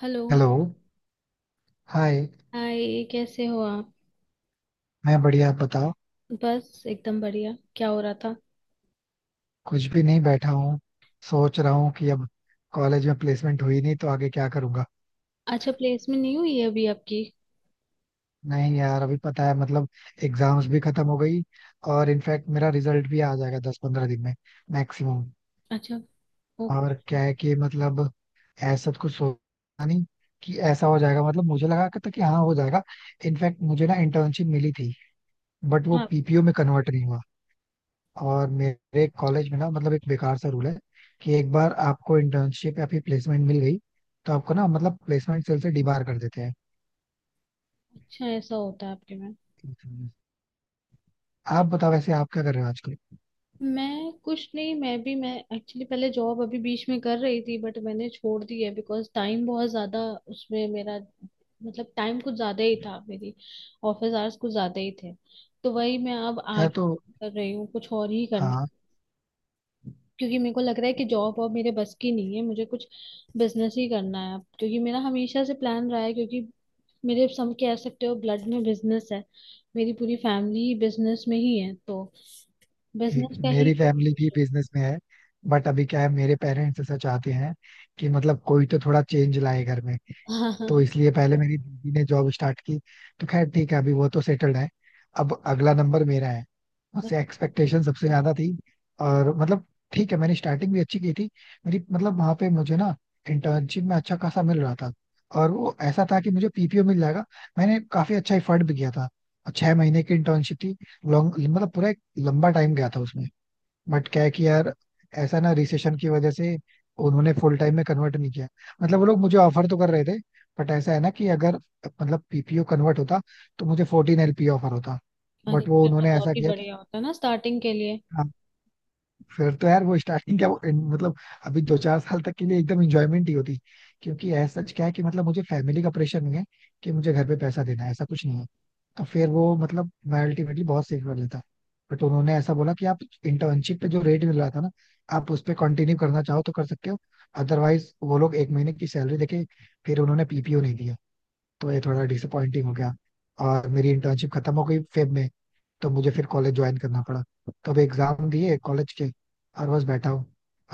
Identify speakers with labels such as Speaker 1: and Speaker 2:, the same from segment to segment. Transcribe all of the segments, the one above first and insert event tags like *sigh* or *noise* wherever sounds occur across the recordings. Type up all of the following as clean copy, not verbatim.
Speaker 1: Hello.
Speaker 2: Hello. Hi.
Speaker 1: Hi, कैसे हो आप?
Speaker 2: मैं बढ़िया, आप बताओ।
Speaker 1: बस एकदम बढ़िया, क्या हो रहा था?
Speaker 2: कुछ भी नहीं, बैठा हूँ। सोच रहा हूँ कि अब कॉलेज में प्लेसमेंट हुई नहीं तो आगे क्या करूँगा।
Speaker 1: अच्छा, प्लेसमेंट नहीं हुई है अभी आपकी?
Speaker 2: नहीं यार, अभी पता है, मतलब एग्जाम्स भी खत्म हो गई। और इनफैक्ट मेरा रिजल्ट भी आ जाएगा 10 15 दिन में मैक्सिमम।
Speaker 1: अच्छा।
Speaker 2: और
Speaker 1: ओके।
Speaker 2: क्या है कि मतलब ऐसा तो कुछ सोचा नहीं कि ऐसा हो जाएगा। मतलब मुझे लगा कि था कि हाँ हो जाएगा। इनफैक्ट मुझे ना इंटर्नशिप मिली थी बट वो
Speaker 1: हाँ,
Speaker 2: पीपीओ में कन्वर्ट नहीं हुआ। और मेरे कॉलेज में ना, मतलब एक बेकार सा रूल है कि एक बार आपको इंटर्नशिप या फिर प्लेसमेंट मिल गई तो आपको ना, मतलब प्लेसमेंट सेल से डिबार कर देते हैं।
Speaker 1: अच्छा ऐसा होता है आपके में?
Speaker 2: आप बताओ, वैसे आप क्या कर रहे हो आजकल।
Speaker 1: मैं कुछ नहीं, मैं एक्चुअली पहले जॉब अभी बीच में कर रही थी बट मैंने छोड़ दी है बिकॉज टाइम बहुत ज़्यादा उसमें मेरा टाइम कुछ ज़्यादा ही था मेरी। ऑफिस आवर्स कुछ ज़्यादा ही थे, तो वही मैं अब
Speaker 2: यार
Speaker 1: आगे
Speaker 2: तो।
Speaker 1: कर रही हूँ कुछ और ही करने।
Speaker 2: हाँ,
Speaker 1: क्योंकि मेरे को लग रहा है कि जॉब और मेरे बस की नहीं है, मुझे कुछ बिजनेस ही करना है अब। क्योंकि मेरा हमेशा से प्लान रहा है, क्योंकि मेरे, सब कह सकते हो, ब्लड में बिजनेस है। मेरी पूरी फैमिली बिजनेस में ही है, तो
Speaker 2: एक
Speaker 1: बिजनेस का ही
Speaker 2: मेरी
Speaker 1: कुछ।
Speaker 2: फैमिली भी बिजनेस में है। बट अभी क्या है, मेरे पेरेंट्स ऐसा चाहते हैं कि मतलब कोई तो थोड़ा चेंज लाए घर में।
Speaker 1: हाँ,
Speaker 2: तो
Speaker 1: हाँ,
Speaker 2: इसलिए पहले मेरी दीदी ने जॉब स्टार्ट की। तो खैर ठीक है, अभी वो तो सेटल्ड है। अब अगला नंबर मेरा है।
Speaker 1: हाँ।
Speaker 2: उससे
Speaker 1: *laughs*
Speaker 2: एक्सपेक्टेशन सबसे ज्यादा थी। और मतलब ठीक है, मैंने स्टार्टिंग भी अच्छी की थी। मेरी, मतलब वहां पे मुझे ना इंटर्नशिप में अच्छा खासा मिल रहा था, और वो ऐसा था कि मुझे पीपीओ मिल जाएगा। मैंने काफी अच्छा एफर्ट भी किया था। और 6 महीने की इंटर्नशिप थी, लॉन्ग, मतलब पूरा एक लंबा टाइम गया था उसमें। बट क्या है कि यार ऐसा ना रिसेशन की वजह से उन्होंने फुल टाइम में कन्वर्ट नहीं किया। मतलब वो लोग मुझे ऑफर तो कर रहे थे, बट ऐसा है ना कि अगर मतलब पीपीओ कन्वर्ट होता तो मुझे 14 LPA ऑफर होता।
Speaker 1: अरे
Speaker 2: बट वो
Speaker 1: फिर तो
Speaker 2: उन्होंने ऐसा
Speaker 1: बहुत ही
Speaker 2: किया कि
Speaker 1: बढ़िया होता है ना स्टार्टिंग के लिए।
Speaker 2: हाँ, फिर तो यार वो स्टार्टिंग क्या, वो मतलब अभी दो चार साल तक के लिए एकदम इंजॉयमेंट ही होती। क्योंकि ऐसा सच क्या है कि मतलब मुझे फैमिली का प्रेशर नहीं है कि मुझे घर पे पैसा देना है, ऐसा कुछ नहीं है। तो फिर वो, मतलब मैं अल्टीमेटली बहुत सेव कर लेता। बट उन्होंने ऐसा बोला कि आप इंटर्नशिप पे जो रेट मिल रहा था ना, आप उस पर कंटिन्यू करना चाहो तो कर सकते हो, अदरवाइज वो लोग एक महीने की सैलरी देके। फिर उन्होंने पीपीओ नहीं दिया, तो ये थोड़ा डिसअपॉइंटिंग हो गया। और मेरी इंटर्नशिप खत्म हो गई फेब में। तो मुझे फिर कॉलेज ज्वाइन करना पड़ा। तब एग्जाम दिए कॉलेज के, और बस बैठा हूँ।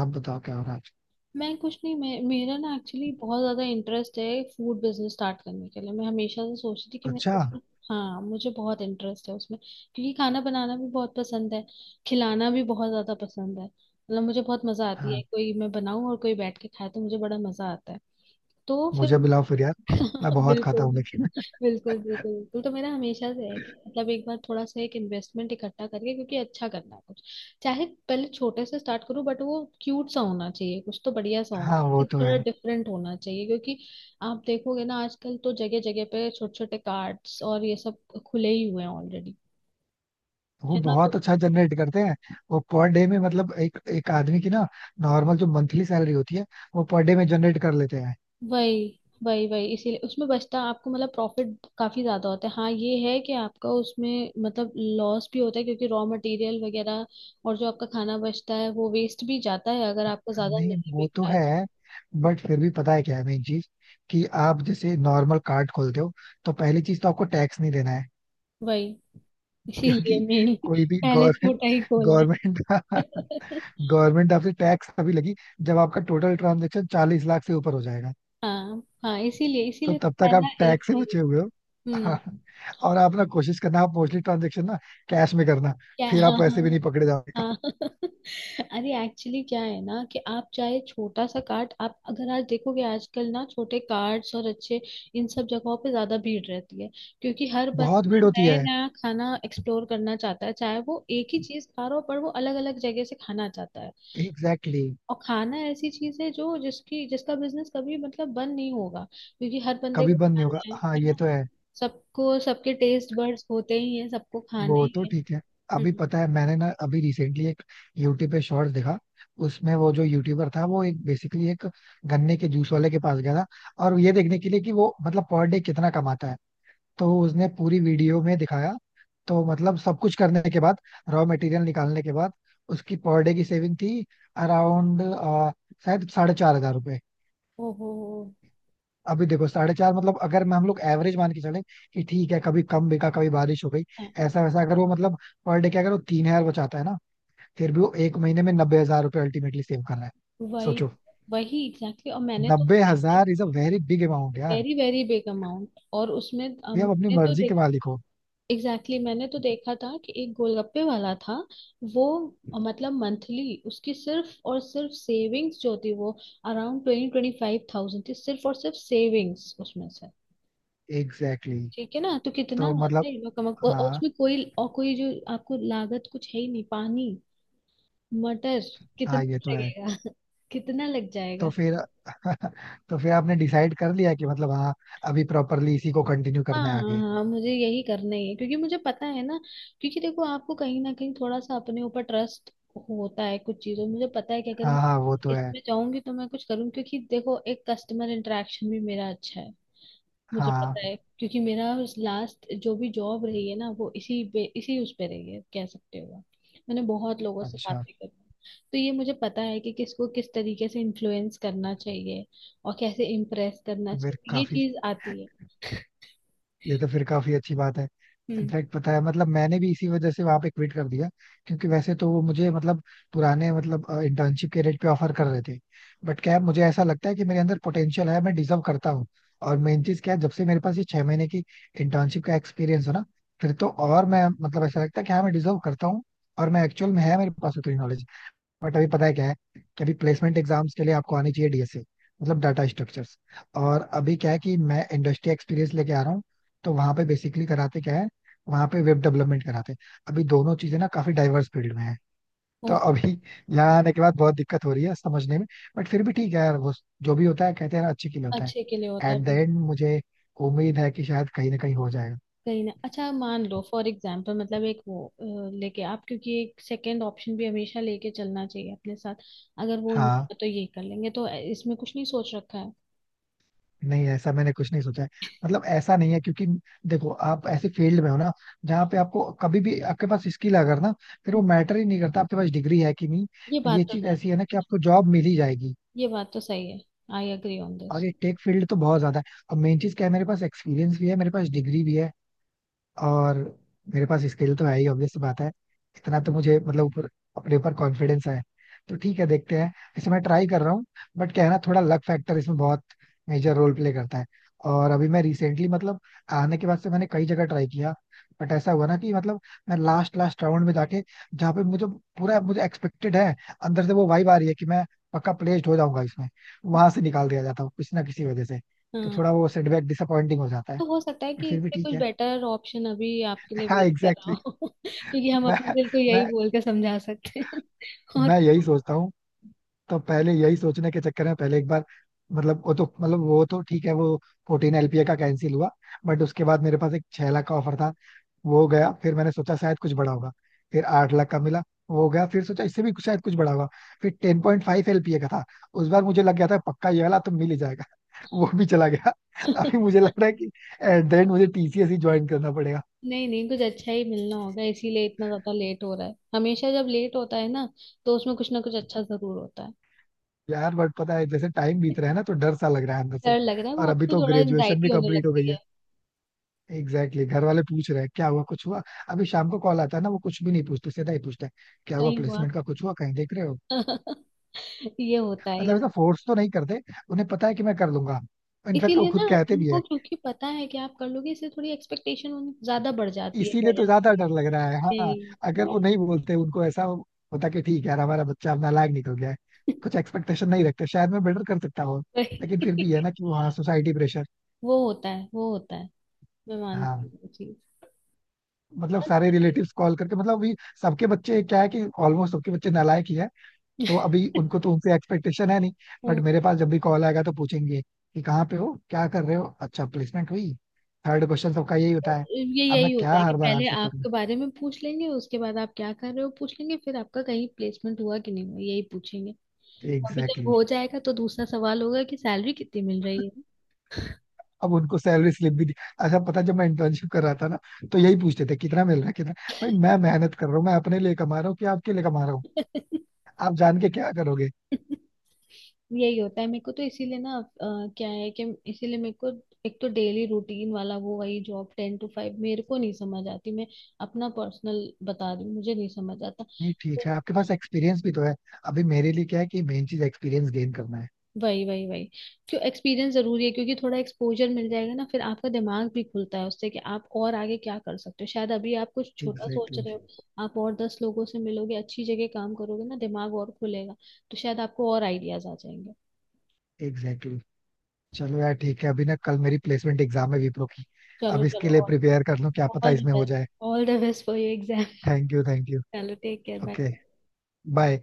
Speaker 2: आप बताओ क्या हो रहा है आज?
Speaker 1: मैं कुछ नहीं, मैं मेरा ना एक्चुअली बहुत ज्यादा इंटरेस्ट है फूड बिजनेस स्टार्ट करने के लिए। मैं हमेशा से सोचती थी कि मैं
Speaker 2: अच्छा।
Speaker 1: अपना, हाँ मुझे बहुत इंटरेस्ट है उसमें क्योंकि खाना बनाना भी बहुत पसंद है। खिलाना भी बहुत ज्यादा पसंद है, मतलब मुझे बहुत मजा आती
Speaker 2: हाँ,
Speaker 1: है, कोई मैं बनाऊं और कोई बैठ के खाए तो मुझे बड़ा मजा आता है। तो
Speaker 2: मुझे
Speaker 1: फिर,
Speaker 2: बुलाओ फिर यार,
Speaker 1: *laughs*
Speaker 2: मैं बहुत खाता
Speaker 1: बिल्कुल,
Speaker 2: हूँ लेकिन।
Speaker 1: बिल्कुल, बिल्कुल, बिल्कुल तो मेरा हमेशा से है कि मतलब एक बार थोड़ा सा एक इन्वेस्टमेंट इकट्ठा करके, क्योंकि अच्छा करना है कुछ। चाहे पहले छोटे से स्टार्ट करूं, बट वो क्यूट सा होना चाहिए कुछ, तो बढ़िया सा
Speaker 2: हाँ वो
Speaker 1: होना,
Speaker 2: तो
Speaker 1: थोड़ा
Speaker 2: है,
Speaker 1: डिफरेंट होना चाहिए। क्योंकि आप देखोगे ना, आजकल तो जगह जगह पे छोटे छोटे कार्ड्स और ये सब खुले ही हुए हैं ऑलरेडी।
Speaker 2: वो
Speaker 1: है ना? तो
Speaker 2: बहुत अच्छा जनरेट करते हैं। वो पर डे में, मतलब एक एक आदमी की ना नॉर्मल जो मंथली सैलरी होती है, वो पर डे में जनरेट कर लेते हैं।
Speaker 1: वही, वही, वही, इसीलिए उसमें बचता आपको, मतलब प्रॉफिट काफी ज्यादा होता है। हाँ ये है कि आपका उसमें मतलब लॉस भी होता है क्योंकि रॉ मटेरियल वगैरह, और जो आपका खाना बचता है वो वेस्ट भी जाता है अगर आपका ज्यादा
Speaker 2: नहीं
Speaker 1: नहीं
Speaker 2: वो
Speaker 1: बिक
Speaker 2: तो
Speaker 1: रहा है।
Speaker 2: है, बट फिर भी पता है क्या है मेन चीज, कि आप जैसे नॉर्मल कार्ड खोलते हो तो पहली चीज तो आपको टैक्स नहीं देना है।
Speaker 1: वही, इसीलिए
Speaker 2: क्योंकि
Speaker 1: मेन *laughs*
Speaker 2: कोई भी
Speaker 1: पहले
Speaker 2: गवर्नमेंट
Speaker 1: छोटा ही खोलना
Speaker 2: गवर्नमेंट
Speaker 1: है। *laughs*
Speaker 2: गवर्नमेंट *laughs* आपसे टैक्स तभी लगी जब आपका टोटल ट्रांजेक्शन 40 लाख से ऊपर हो जाएगा।
Speaker 1: हाँ, हाँ, इसीलिए
Speaker 2: तो
Speaker 1: इसीलिए
Speaker 2: तब तक
Speaker 1: पहला
Speaker 2: आप
Speaker 1: एक
Speaker 2: टैक्स से
Speaker 1: ही-
Speaker 2: बचे हुए हो। हाँ,
Speaker 1: हम्म।
Speaker 2: और आप ना कोशिश करना, आप मोस्टली ट्रांजेक्शन ना कैश में करना।
Speaker 1: क्या?
Speaker 2: फिर
Speaker 1: हाँ, हाँ,
Speaker 2: आप पैसे भी
Speaker 1: हाँ।
Speaker 2: नहीं पकड़े जाओगे।
Speaker 1: हाँ। *laughs* अरे एक्चुअली क्या है ना कि आप चाहे छोटा सा कार्ट, आप अगर आज देखोगे आजकल ना, छोटे कार्ट्स और अच्छे इन सब जगहों पे ज्यादा भीड़ रहती है। क्योंकि हर
Speaker 2: बहुत भीड़
Speaker 1: बच्चा
Speaker 2: होती
Speaker 1: नया
Speaker 2: है।
Speaker 1: नया खाना एक्सप्लोर करना चाहता है, चाहे वो एक ही चीज खा रहा हो पर वो अलग अलग जगह से खाना चाहता है।
Speaker 2: Exactly exactly.
Speaker 1: और खाना ऐसी चीज है जो, जिसकी जिसका बिजनेस कभी मतलब बंद नहीं होगा, क्योंकि हर बंदे
Speaker 2: कभी
Speaker 1: को
Speaker 2: बंद नहीं
Speaker 1: खाना
Speaker 2: होगा,
Speaker 1: है।
Speaker 2: हाँ
Speaker 1: है
Speaker 2: ये
Speaker 1: ना?
Speaker 2: तो है।
Speaker 1: सबको, सबके टेस्ट बड्स होते ही हैं, सबको खाने
Speaker 2: वो
Speaker 1: ही
Speaker 2: तो
Speaker 1: हैं।
Speaker 2: ठीक है। अभी
Speaker 1: हम्म।
Speaker 2: पता है, मैंने ना अभी रिसेंटली एक यूट्यूब पे शॉर्ट्स देखा। उसमें वो जो यूट्यूबर था, वो एक, बेसिकली एक गन्ने के जूस वाले के पास गया था, और ये देखने के लिए कि वो मतलब पर डे कितना कमाता है। तो उसने पूरी वीडियो में दिखाया। तो मतलब सब कुछ करने के बाद, रॉ मटेरियल निकालने के बाद, उसकी पर डे की सेविंग थी अराउंड शायद 4,500 रुपए।
Speaker 1: ओहो।
Speaker 2: अभी देखो 4.5, मतलब अगर मैं हम लोग एवरेज मान के चले कि ठीक है कभी कम बिका कभी बारिश हो गई
Speaker 1: हाँ।
Speaker 2: ऐसा वैसा, अगर वो मतलब पर डे के अगर वो 3,000 बचाता है ना, फिर भी वो एक महीने में 90,000 रुपये अल्टीमेटली सेव कर रहा है।
Speaker 1: वही,
Speaker 2: सोचो,
Speaker 1: वही, एग्जैक्टली exactly, और मैंने तो,
Speaker 2: 90,000 is a very big amount यार।
Speaker 1: Very very big amount. और उसमें
Speaker 2: ये आप अपनी
Speaker 1: मैंने तो
Speaker 2: मर्जी
Speaker 1: देख,
Speaker 2: के मालिक हो।
Speaker 1: एग्जैक्टली exactly, मैंने तो देखा था कि एक गोलगप्पे वाला था, वो मतलब मंथली उसकी सिर्फ और सिर्फ सेविंग्स जो थी वो अराउंड 25,000 थी, सिर्फ और सिर्फ सेविंग्स उसमें से।
Speaker 2: Exactly exactly.
Speaker 1: ठीक है ना? तो कितना
Speaker 2: तो
Speaker 1: आता
Speaker 2: मतलब
Speaker 1: है ये लोग कमा, और
Speaker 2: हाँ,
Speaker 1: उसमें कोई और, कोई जो आपको लागत कुछ है ही नहीं, पानी मटर कितना
Speaker 2: हाँ ये तो है।
Speaker 1: लगेगा, *laughs* कितना लग
Speaker 2: तो
Speaker 1: जाएगा?
Speaker 2: फिर *laughs* तो फिर आपने डिसाइड कर लिया कि मतलब हाँ अभी प्रॉपरली इसी को कंटिन्यू
Speaker 1: हाँ,
Speaker 2: करना है आगे।
Speaker 1: हाँ मुझे यही करना ही है, क्योंकि मुझे पता है ना, क्योंकि देखो, आपको कहीं ना कहीं थोड़ा सा अपने ऊपर ट्रस्ट होता है कुछ चीजों में। मुझे पता है कि अगर मैं
Speaker 2: हाँ हाँ वो तो है।
Speaker 1: इसमें जाऊंगी तो मैं कुछ करूँ, क्योंकि देखो एक कस्टमर इंटरेक्शन भी मेरा अच्छा है। मुझे
Speaker 2: हाँ।
Speaker 1: पता है क्योंकि मेरा लास्ट जो भी जॉब रही है ना वो इसी पे, इसी उस पे रही है, कह सकते हो आप। मैंने बहुत लोगों से
Speaker 2: अच्छा।
Speaker 1: बातें करी हैं। तो ये मुझे पता है कि किसको किस तरीके से इन्फ्लुएंस करना चाहिए और कैसे इम्प्रेस करना
Speaker 2: तो फिर
Speaker 1: चाहिए, ये
Speaker 2: काफी
Speaker 1: चीज आती है।
Speaker 2: ये तो फिर काफी अच्छी बात है। इनफैक्ट पता है, मतलब मैंने भी इसी वजह से वहां पे क्विट कर दिया। क्योंकि वैसे तो वो मुझे, मतलब पुराने, मतलब इंटर्नशिप के रेट पे ऑफर कर रहे थे। बट क्या है, मुझे ऐसा लगता है कि मेरे अंदर पोटेंशियल है, मैं डिजर्व करता हूँ। और मेन चीज क्या है, जब से मेरे पास ये 6 महीने की इंटर्नशिप का एक्सपीरियंस हो ना, फिर तो। और मैं, मतलब ऐसा लगता है कि हाँ मैं डिजर्व करता हूँ, और मैं एक्चुअल में है मेरे पास उतनी नॉलेज। बट अभी पता है क्या है कि अभी प्लेसमेंट एग्जाम्स के लिए आपको आनी चाहिए डीएसए, मतलब डाटा स्ट्रक्चर्स। और अभी क्या है कि मैं इंडस्ट्री एक्सपीरियंस लेके आ रहा हूँ, तो वहां पे बेसिकली कराते क्या है, वहां पे वेब डेवलपमेंट कराते हैं। अभी दोनों चीजें ना काफी डाइवर्स फील्ड में है। तो
Speaker 1: हम्म।
Speaker 2: अभी *laughs* यहाँ आने के बाद बहुत दिक्कत हो रही है समझने में। बट फिर भी ठीक है यार, वो जो भी होता है कहते हैं ना अच्छे के लिए होता है।
Speaker 1: अच्छे के लिए होता है
Speaker 2: एट द
Speaker 1: बिल्कुल।
Speaker 2: एंड मुझे उम्मीद है कि शायद कहीं ना कहीं हो जाएगा।
Speaker 1: कहीं ना, अच्छा मान लो फॉर एग्जाम्पल, मतलब एक वो लेके आप, क्योंकि एक सेकेंड ऑप्शन भी हमेशा लेके चलना चाहिए अपने साथ, अगर वो नहीं
Speaker 2: हाँ।
Speaker 1: हुआ तो ये कर लेंगे, तो इसमें कुछ नहीं सोच रखा है?
Speaker 2: नहीं ऐसा मैंने कुछ नहीं सोचा है, मतलब ऐसा नहीं है। क्योंकि देखो, आप ऐसे फील्ड में हो ना जहाँ पे आपको कभी भी आपके पास स्किल अगर ना, फिर
Speaker 1: हम्म,
Speaker 2: वो मैटर ही नहीं करता आपके पास डिग्री है कि नहीं।
Speaker 1: ये बात
Speaker 2: ये
Speaker 1: तो
Speaker 2: चीज
Speaker 1: है।
Speaker 2: ऐसी है ना कि आपको जॉब मिल ही जाएगी।
Speaker 1: ये बात तो सही है, आई एग्री ऑन दिस।
Speaker 2: और ये टेक फील्ड तो बहुत ज्यादा है, और मेन चीज क्या है, मेरे पास एक्सपीरियंस भी है, मेरे पास डिग्री भी है, और मेरे पास स्किल तो है ही, ऑब्वियस बात है। इतना तो मुझे मतलब ऊपर अपने ऊपर कॉन्फिडेंस है। तो ठीक है, देखते हैं। वैसे मैं ट्राई कर रहा हूँ, बट क्या है ना, थोड़ा लक फैक्टर इसमें बहुत मेजर रोल प्ले करता है। और अभी मैं रिसेंटली, मतलब आने के बाद से मैंने कई जगह ट्राई किया। बट ऐसा हुआ ना कि मतलब मैं लास्ट लास्ट राउंड में जाके, जहाँ पे मुझे पूरा मुझे एक्सपेक्टेड है, अंदर से वो वाइब आ रही है कि मैं पक्का प्लेस्ड हो जाऊंगा इसमें, वहां से निकाल दिया जाता हूँ किसी ना किसी वजह से। तो
Speaker 1: हाँ,
Speaker 2: थोड़ा वो सेटबैक डिसअपॉइंटिंग हो जाता है।
Speaker 1: तो हो सकता है
Speaker 2: बट
Speaker 1: कि
Speaker 2: फिर भी
Speaker 1: इससे
Speaker 2: ठीक
Speaker 1: कुछ
Speaker 2: है।
Speaker 1: बेटर ऑप्शन अभी आपके लिए
Speaker 2: *laughs* हाँ
Speaker 1: वेट कर रहा
Speaker 2: एग्जैक्टली।
Speaker 1: हो, *laughs* क्योंकि हम
Speaker 2: मैं
Speaker 1: अपने दिल को यही
Speaker 2: मैं
Speaker 1: बोल के समझा सकते हैं। *laughs* और,
Speaker 2: मैं यही सोचता हूँ। तो पहले यही सोचने के चक्कर में पहले एक बार मतलब, वो तो मतलब वो तो ठीक है, वो 14 LPA का कैंसिल हुआ। बट उसके बाद मेरे पास एक 6 लाख का ऑफर था। वो गया, फिर मैंने सोचा शायद कुछ बड़ा होगा। फिर 8 लाख का मिला। वो गया, फिर सोचा इससे भी शायद कुछ बड़ा होगा। फिर 10.5 LPA का था। उस बार मुझे लग गया था पक्का ये वाला तो मिल ही जाएगा। *laughs* वो भी चला गया। अभी मुझे लग रहा है कि एट द एंड मुझे टीसीएस ही ज्वाइन करना पड़ेगा।
Speaker 1: नहीं नहीं, कुछ अच्छा ही मिलना होगा इसीलिए इतना ज्यादा लेट हो रहा है। हमेशा जब लेट होता है ना, तो उसमें कुछ ना कुछ अच्छा जरूर होता है।
Speaker 2: यार बट पता है जैसे टाइम बीत रहा है ना, तो डर सा लग रहा है अंदर से।
Speaker 1: डर लग रहा है? वो
Speaker 2: और अभी
Speaker 1: आपको
Speaker 2: तो
Speaker 1: थोड़ा
Speaker 2: ग्रेजुएशन भी
Speaker 1: एंजाइटी होने
Speaker 2: कंप्लीट हो गई
Speaker 1: लगती
Speaker 2: है।
Speaker 1: है।
Speaker 2: Exactly exactly. घर वाले पूछ रहे हैं क्या हुआ, कुछ हुआ। अभी शाम को कॉल आता है ना, वो कुछ भी नहीं पूछते, सीधा ही पूछते हैं क्या हुआ
Speaker 1: कहीं हुआ,
Speaker 2: प्लेसमेंट का, कुछ हुआ, कहीं देख रहे हो।
Speaker 1: *laughs* ये होता है, ये
Speaker 2: मतलब ऐसा
Speaker 1: होता
Speaker 2: फोर्स तो नहीं करते, उन्हें पता है कि मैं कर लूंगा।
Speaker 1: है।
Speaker 2: इनफैक्ट वो
Speaker 1: इसीलिए ना,
Speaker 2: खुद कहते भी
Speaker 1: उनको
Speaker 2: है।
Speaker 1: क्योंकि पता है कि आप कर लोगे, इससे थोड़ी एक्सपेक्टेशन उन ज्यादा बढ़ जाती है
Speaker 2: इसीलिए तो
Speaker 1: पेरेंट्स
Speaker 2: ज्यादा
Speaker 1: की।
Speaker 2: डर लग रहा है, हाँ।
Speaker 1: यही-
Speaker 2: अगर वो
Speaker 1: यही।
Speaker 2: नहीं बोलते उनको ऐसा होता कि ठीक है यार हमारा बच्चा अपना लायक निकल गया है, कुछ एक्सपेक्टेशन नहीं रखते, शायद मैं बेटर कर सकता हूँ।
Speaker 1: *laughs*
Speaker 2: लेकिन फिर भी है
Speaker 1: वही।
Speaker 2: ना कि वो हाँ, सोसाइटी प्रेशर।
Speaker 1: वो होता है, वो होता है, मैं मानती
Speaker 2: हाँ।
Speaker 1: हूँ वो
Speaker 2: मतलब सारे रिलेटिव्स कॉल करके, मतलब अभी सबके बच्चे क्या है कि ऑलमोस्ट सबके बच्चे नालायक ही है। तो
Speaker 1: चीज।
Speaker 2: अभी उनको तो उनसे एक्सपेक्टेशन है नहीं। बट
Speaker 1: *laughs*
Speaker 2: मेरे पास जब भी कॉल आएगा तो पूछेंगे कि कहाँ पे हो, क्या कर रहे हो, अच्छा प्लेसमेंट हुई। थर्ड क्वेश्चन सबका यही होता है।
Speaker 1: ये,
Speaker 2: अब
Speaker 1: यही
Speaker 2: मैं
Speaker 1: होता
Speaker 2: क्या
Speaker 1: है कि
Speaker 2: हर बार
Speaker 1: पहले
Speaker 2: आंसर करूँ।
Speaker 1: आपके बारे में पूछ लेंगे, उसके बाद आप क्या कर रहे हो पूछ लेंगे, फिर आपका कहीं प्लेसमेंट हुआ कि नहीं हुआ यही पूछेंगे। अभी
Speaker 2: एग्जैक्टली
Speaker 1: जब हो
Speaker 2: exactly.
Speaker 1: जाएगा तो दूसरा सवाल होगा कि सैलरी कितनी मिल रही है।
Speaker 2: अब उनको सैलरी स्लिप भी दी- अच्छा पता है, जब मैं इंटर्नशिप कर रहा था ना, तो यही पूछते थे कितना मिल रहा है, कितना। भाई, मैं मेहनत कर रहा हूँ, मैं अपने लिए कमा रहा हूँ कि आपके लिए कमा रहा हूँ,
Speaker 1: *laughs*
Speaker 2: आप जान के क्या करोगे।
Speaker 1: यही होता है मेरे को, तो इसीलिए ना क्या है कि, इसीलिए मेरे को एक तो डेली रूटीन वाला वो वही जॉब 10 to 5 मेरे को नहीं समझ आती। मैं अपना पर्सनल बता रही हूँ, मुझे नहीं समझ आता।
Speaker 2: नहीं ठीक है, आपके पास एक्सपीरियंस भी तो है। अभी मेरे लिए क्या है कि मेन चीज एक्सपीरियंस गेन करना है।
Speaker 1: वही, वही, वही, क्यों एक्सपीरियंस जरूरी है, क्योंकि थोड़ा एक्सपोजर मिल जाएगा ना, फिर आपका दिमाग भी खुलता है उससे कि आप और आगे क्या कर सकते हो। शायद अभी आप कुछ छोटा सोच
Speaker 2: एग्जैक्टली
Speaker 1: रहे
Speaker 2: exactly,
Speaker 1: हो, आप और 10 लोगों से मिलोगे, अच्छी जगह काम करोगे ना, दिमाग और खुलेगा, तो शायद आपको और आइडियाज आ जाएंगे।
Speaker 2: Exactly exactly. चलो यार ठीक है, अभी ना कल मेरी प्लेसमेंट एग्जाम है विप्रो की।
Speaker 1: चलो,
Speaker 2: अब
Speaker 1: चलो
Speaker 2: इसके लिए
Speaker 1: और
Speaker 2: प्रिपेयर कर लूं, क्या पता
Speaker 1: ऑल द
Speaker 2: इसमें हो
Speaker 1: बेस्ट,
Speaker 2: जाए।
Speaker 1: All the best for your exam. *laughs*
Speaker 2: Thank you, thank you.
Speaker 1: चलो, take care, bye.
Speaker 2: Okay. Bye.